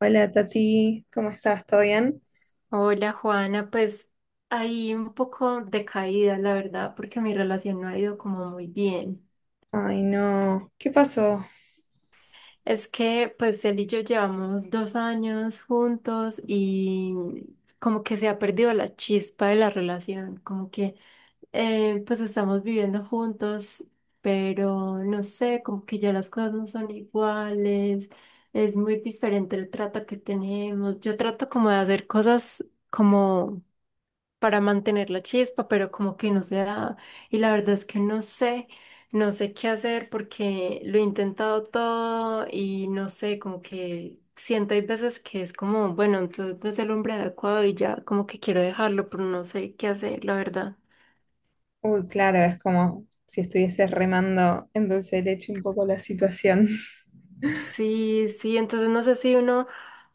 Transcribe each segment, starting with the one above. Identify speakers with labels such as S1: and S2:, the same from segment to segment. S1: Hola Tati, ¿cómo estás? ¿Todo bien?
S2: Hola Juana, pues ahí un poco decaída, la verdad, porque mi relación no ha ido como muy bien.
S1: Ay, no, ¿qué pasó?
S2: Es que pues él y yo llevamos 2 años juntos y como que se ha perdido la chispa de la relación, como que pues estamos viviendo juntos, pero no sé, como que ya las cosas no son iguales, es muy diferente el trato que tenemos. Yo trato como de hacer cosas como para mantener la chispa, pero como que no se da. Y la verdad es que no sé, no sé qué hacer porque lo he intentado todo y no sé, como que siento hay veces que es como, bueno, entonces no es el hombre adecuado y ya como que quiero dejarlo, pero no sé qué hacer, la verdad.
S1: Uy, claro, es como si estuvieses remando en dulce de leche un poco la situación.
S2: Sí, sí, entonces no sé si uno, o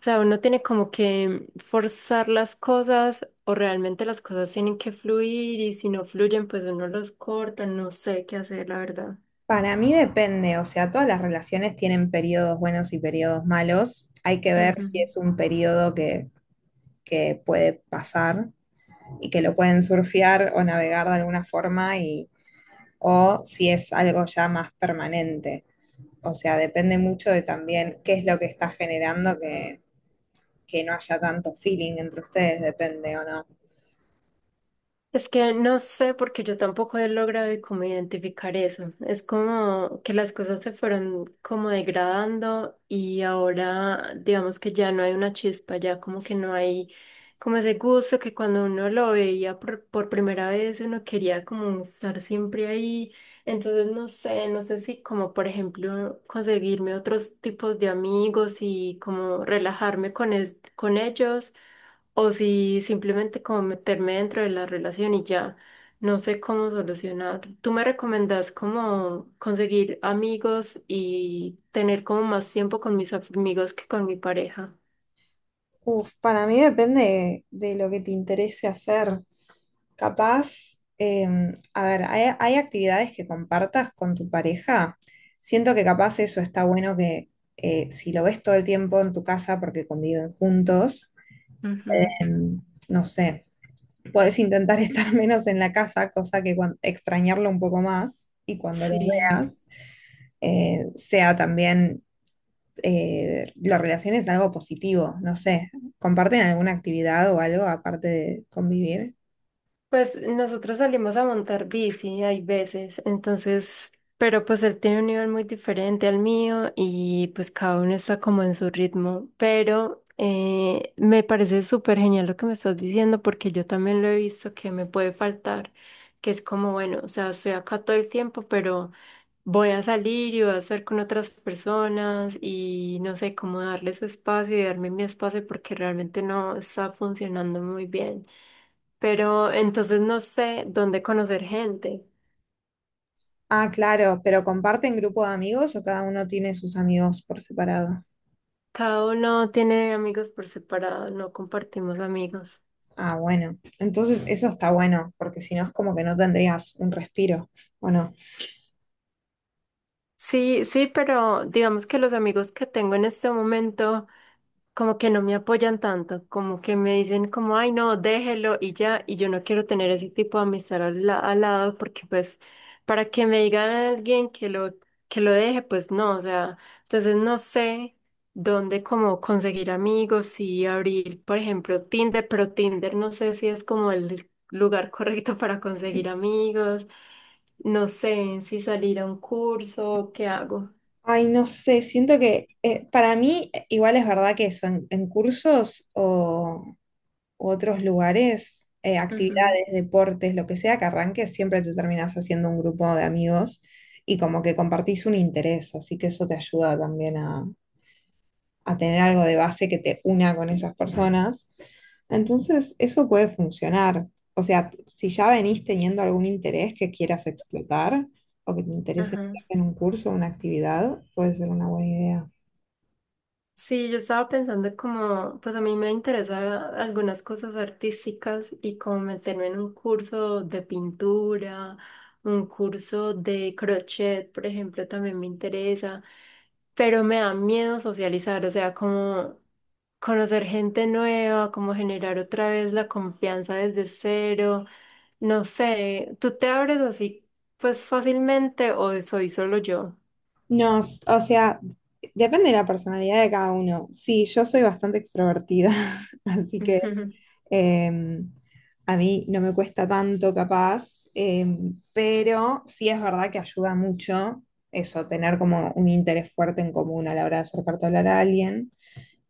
S2: sea, uno tiene como que forzar las cosas o realmente las cosas tienen que fluir y si no fluyen, pues uno los corta, no sé qué hacer, la verdad.
S1: Para mí depende, o sea, todas las relaciones tienen periodos buenos y periodos malos. Hay que ver si
S2: Ujú.
S1: es un periodo que puede pasar y que lo pueden surfear o navegar de alguna forma y, o si es algo ya más permanente. O sea, depende mucho de también qué es lo que está generando que no haya tanto feeling entre ustedes, depende o no.
S2: Es que no sé porque yo tampoco he logrado y como identificar eso. Es como que las cosas se fueron como degradando y ahora digamos que ya no hay una chispa, ya como que no hay como ese gusto que cuando uno lo veía por primera vez uno quería como estar siempre ahí. Entonces no sé, no sé si como por ejemplo conseguirme otros tipos de amigos y como relajarme con, con ellos o si simplemente como meterme dentro de la relación y ya no sé cómo solucionar. ¿Tú me recomendás cómo conseguir amigos y tener como más tiempo con mis amigos que con mi pareja?
S1: Uf, para mí depende de lo que te interese hacer. Capaz, a ver, hay actividades que compartas con tu pareja. Siento que capaz eso está bueno que si lo ves todo el tiempo en tu casa porque conviven juntos,
S2: Ujú.
S1: em, no sé, podés intentar estar menos en la casa, cosa que extrañarlo un poco más y cuando lo
S2: Sí.
S1: veas sea también lo relaciones a algo positivo, no sé, ¿comparten alguna actividad o algo aparte de convivir?
S2: Pues nosotros salimos a montar bici, hay veces, entonces, pero pues él tiene un nivel muy diferente al mío y pues cada uno está como en su ritmo, pero me parece súper genial lo que me estás diciendo porque yo también lo he visto que me puede faltar, que es como, bueno, o sea, estoy acá todo el tiempo, pero voy a salir y voy a estar con otras personas y no sé cómo darle su espacio y darme mi espacio porque realmente no está funcionando muy bien. Pero entonces no sé dónde conocer gente.
S1: Ah, claro, pero ¿comparten grupo de amigos o cada uno tiene sus amigos por separado?
S2: Cada uno tiene amigos por separado, no compartimos amigos.
S1: Ah, bueno, entonces eso está bueno, porque si no es como que no tendrías un respiro, ¿o no?
S2: Sí, sí, pero digamos que los amigos que tengo en este momento como que no me apoyan tanto, como que me dicen como, ay, no, déjelo y ya, y yo no quiero tener ese tipo de amistad al, al lado porque pues para que me digan a alguien que lo deje, pues no, o sea, entonces no sé dónde como conseguir amigos y abrir, por ejemplo, Tinder, pero Tinder no sé si es como el lugar correcto para conseguir amigos. No sé si salir a un curso, ¿qué hago?
S1: Ay, no sé, siento que para mí igual es verdad que eso, en cursos o, u otros lugares,
S2: Ujú.
S1: actividades, deportes, lo que sea que arranques, siempre te terminas haciendo un grupo de amigos y como que compartís un interés, así que eso te ayuda también a tener algo de base que te una con esas personas. Entonces, eso puede funcionar. O sea, si ya venís teniendo algún interés que quieras explotar o que te interese
S2: Ajá.
S1: en un curso, una actividad, puede ser una buena idea.
S2: Sí, yo estaba pensando como, pues a mí me interesan algunas cosas artísticas y como meterme en un curso de pintura, un curso de crochet, por ejemplo, también me interesa, pero me da miedo socializar, o sea, como conocer gente nueva, como generar otra vez la confianza desde cero. No sé, ¿tú te abres así pues fácilmente o soy solo yo?
S1: No, o sea, depende de la personalidad de cada uno. Sí, yo soy bastante extrovertida, así que em, a mí no me cuesta tanto capaz, pero sí es verdad que ayuda mucho eso, tener como un interés fuerte en común a la hora de acercarte a hablar a alguien.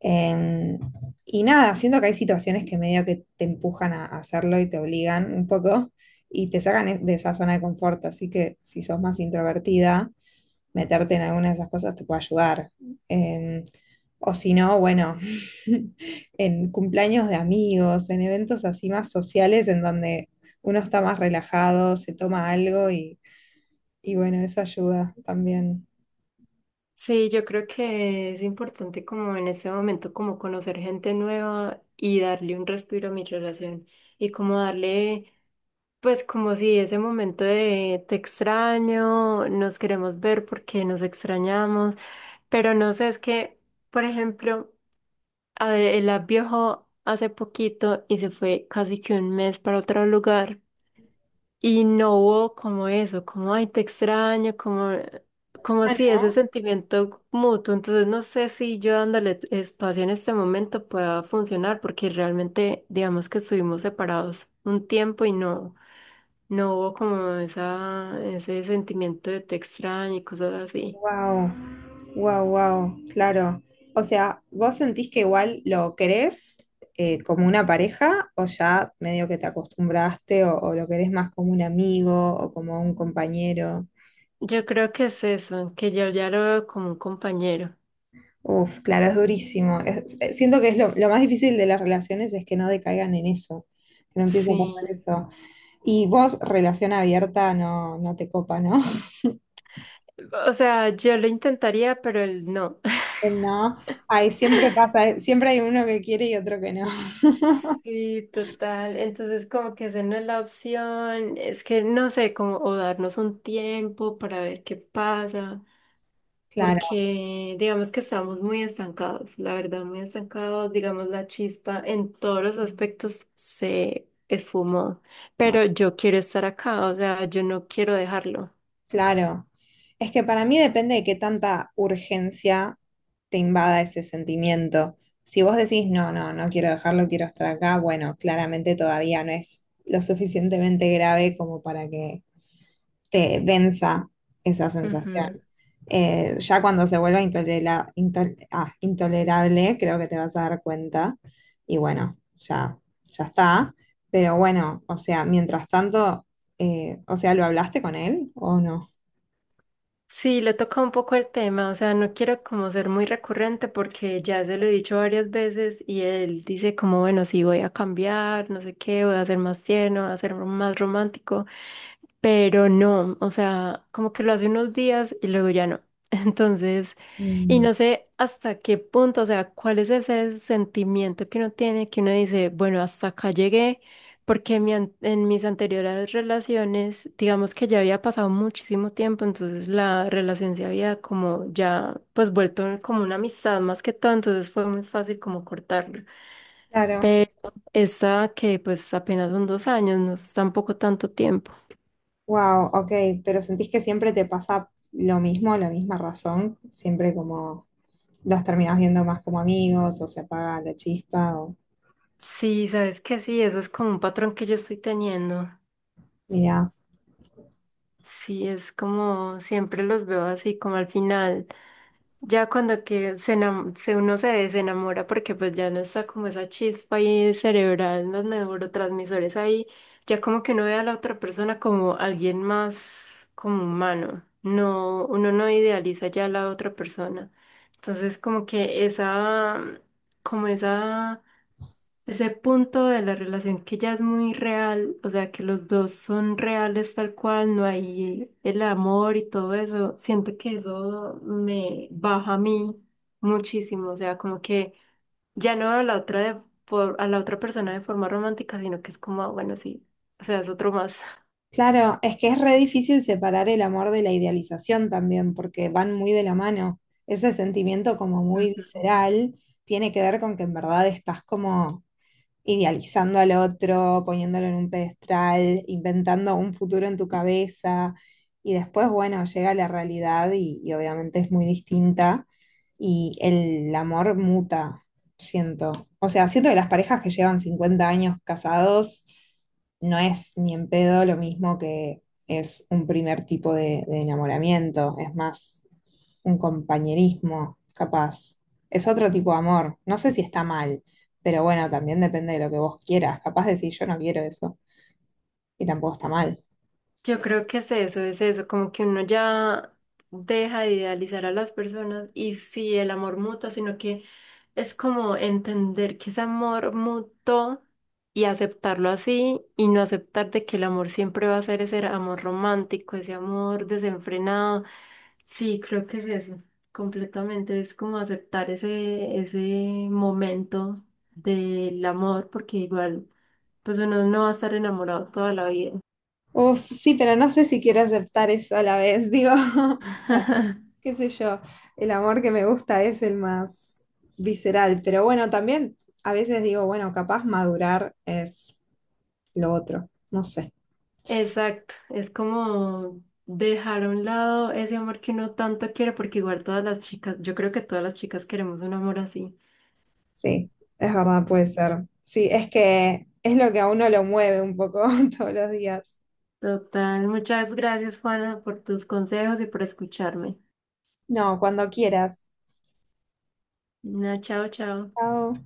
S1: Em, y nada, siento que hay situaciones que medio que te empujan a hacerlo y te obligan un poco y te sacan de esa zona de confort, así que si sos más introvertida meterte en alguna de esas cosas te puede ayudar. Eh, o si no, bueno, en cumpleaños de amigos, en eventos así más sociales en donde uno está más relajado, se toma algo y bueno, eso ayuda también.
S2: Sí, yo creo que es importante como en este momento como conocer gente nueva y darle un respiro a mi relación y como darle pues como si ese momento de te extraño, nos queremos ver porque nos extrañamos, pero no sé, es que por ejemplo, a ver, él viajó hace poquito y se fue casi que un mes para otro lugar. Y no hubo como eso, como, ay, te extraño, como, como
S1: Ah,
S2: si ese
S1: ¿no?
S2: sentimiento mutuo. Entonces no sé si yo dándole espacio en este momento pueda funcionar, porque realmente, digamos que estuvimos separados un tiempo y no, no hubo como esa, ese sentimiento de te extraño y cosas así.
S1: Wow, wow, wow, claro. O sea, ¿vos sentís que igual lo querés como una pareja o ya medio que te acostumbraste o lo querés más como un amigo o como un compañero?
S2: Yo creo que es eso, que yo ya lo veo como un compañero.
S1: Uf, claro, es durísimo. Siento que es lo más difícil de las relaciones es que no decaigan en eso, que no empiece a pasar
S2: Sí.
S1: eso. Y vos, relación abierta, no, no te copa, ¿no?
S2: O sea, yo lo intentaría, pero él no.
S1: No, ay, siempre pasa, siempre hay uno que quiere y otro que no.
S2: Sí, total. Entonces, como que esa no es la opción. Es que no sé, como o darnos un tiempo para ver qué pasa,
S1: Claro,
S2: porque digamos que estamos muy estancados, la verdad, muy estancados. Digamos, la chispa en todos los aspectos se esfumó, pero yo quiero estar acá, o sea, yo no quiero dejarlo.
S1: claro. Es que para mí depende de qué tanta urgencia te invada ese sentimiento. Si vos decís, no, no, no quiero dejarlo, quiero estar acá, bueno, claramente todavía no es lo suficientemente grave como para que te densa esa sensación. Ya cuando se vuelva intolerable, creo que te vas a dar cuenta. Y bueno, ya está. Pero bueno, o sea, mientras tanto, o sea, ¿lo hablaste con él o no?
S2: Sí, le toca un poco el tema, o sea, no quiero como ser muy recurrente porque ya se lo he dicho varias veces y él dice como, bueno, sí voy a cambiar, no sé qué, voy a ser más tierno, voy a ser más romántico pero no, o sea, como que lo hace unos días y luego ya no. Entonces, y
S1: Mm.
S2: no sé hasta qué punto, o sea, cuál es ese sentimiento que uno tiene, que uno dice, bueno, hasta acá llegué, porque en, mi en mis anteriores relaciones, digamos que ya había pasado muchísimo tiempo, entonces la relación se había como ya, pues vuelto como una amistad más que todo, entonces fue muy fácil como cortarlo.
S1: Claro,
S2: Pero esa que pues apenas son 2 años, no es tampoco tanto tiempo.
S1: wow, ok, pero ¿sentís que siempre te pasa lo mismo, la misma razón? Siempre como los terminás viendo más como amigos o se apaga la chispa o
S2: Sí, sabes que sí, eso es como un patrón que yo estoy teniendo.
S1: mirá.
S2: Sí, es como siempre los veo así, como al final, ya cuando que uno se desenamora porque pues ya no está como esa chispa ahí cerebral, los neurotransmisores ahí, ya como que uno ve a la otra persona como alguien más como humano. No, uno no idealiza ya a la otra persona. Entonces como que esa, como esa ese punto de la relación que ya es muy real, o sea, que los dos son reales tal cual, no hay el amor y todo eso, siento que eso me baja a mí muchísimo, o sea, como que ya no a la otra de, por, a la otra persona de forma romántica, sino que es como, ah, bueno, sí, o sea, es otro más.
S1: Claro, es que es re difícil separar el amor de la idealización también, porque van muy de la mano. Ese sentimiento como muy
S2: Ujú.
S1: visceral tiene que ver con que en verdad estás como idealizando al otro, poniéndolo en un pedestal, inventando un futuro en tu cabeza y después, bueno, llega la realidad y obviamente es muy distinta y el amor muta, siento. O sea, siento que las parejas que llevan 50 años casados no es ni en pedo lo mismo que es un primer tipo de enamoramiento, es más un compañerismo, capaz. Es otro tipo de amor. No sé si está mal, pero bueno, también depende de lo que vos quieras. Capaz decir yo no quiero eso y tampoco está mal.
S2: Yo creo que es eso, como que uno ya deja de idealizar a las personas y sí, el amor mutuo, sino que es como entender que ese amor mutuo y aceptarlo así y no aceptar de que el amor siempre va a ser ese amor romántico, ese amor desenfrenado. Sí, creo que es eso, completamente, es como aceptar ese, ese momento del amor, porque igual, pues uno no va a estar enamorado toda la vida.
S1: Uf, sí, pero no sé si quiero aceptar eso a la vez. Digo, bueno, qué sé yo, el amor que me gusta es el más visceral, pero bueno, también a veces digo, bueno, capaz madurar es lo otro. No sé.
S2: Exacto, es como dejar a un lado ese amor que uno tanto quiere, porque igual todas las chicas, yo creo que todas las chicas queremos un amor así.
S1: Sí, es verdad, puede ser. Sí, es que es lo que a uno lo mueve un poco todos los días.
S2: Total, muchas gracias Juana por tus consejos y por escucharme.
S1: No, cuando quieras.
S2: Na, chao, chao.
S1: Chao.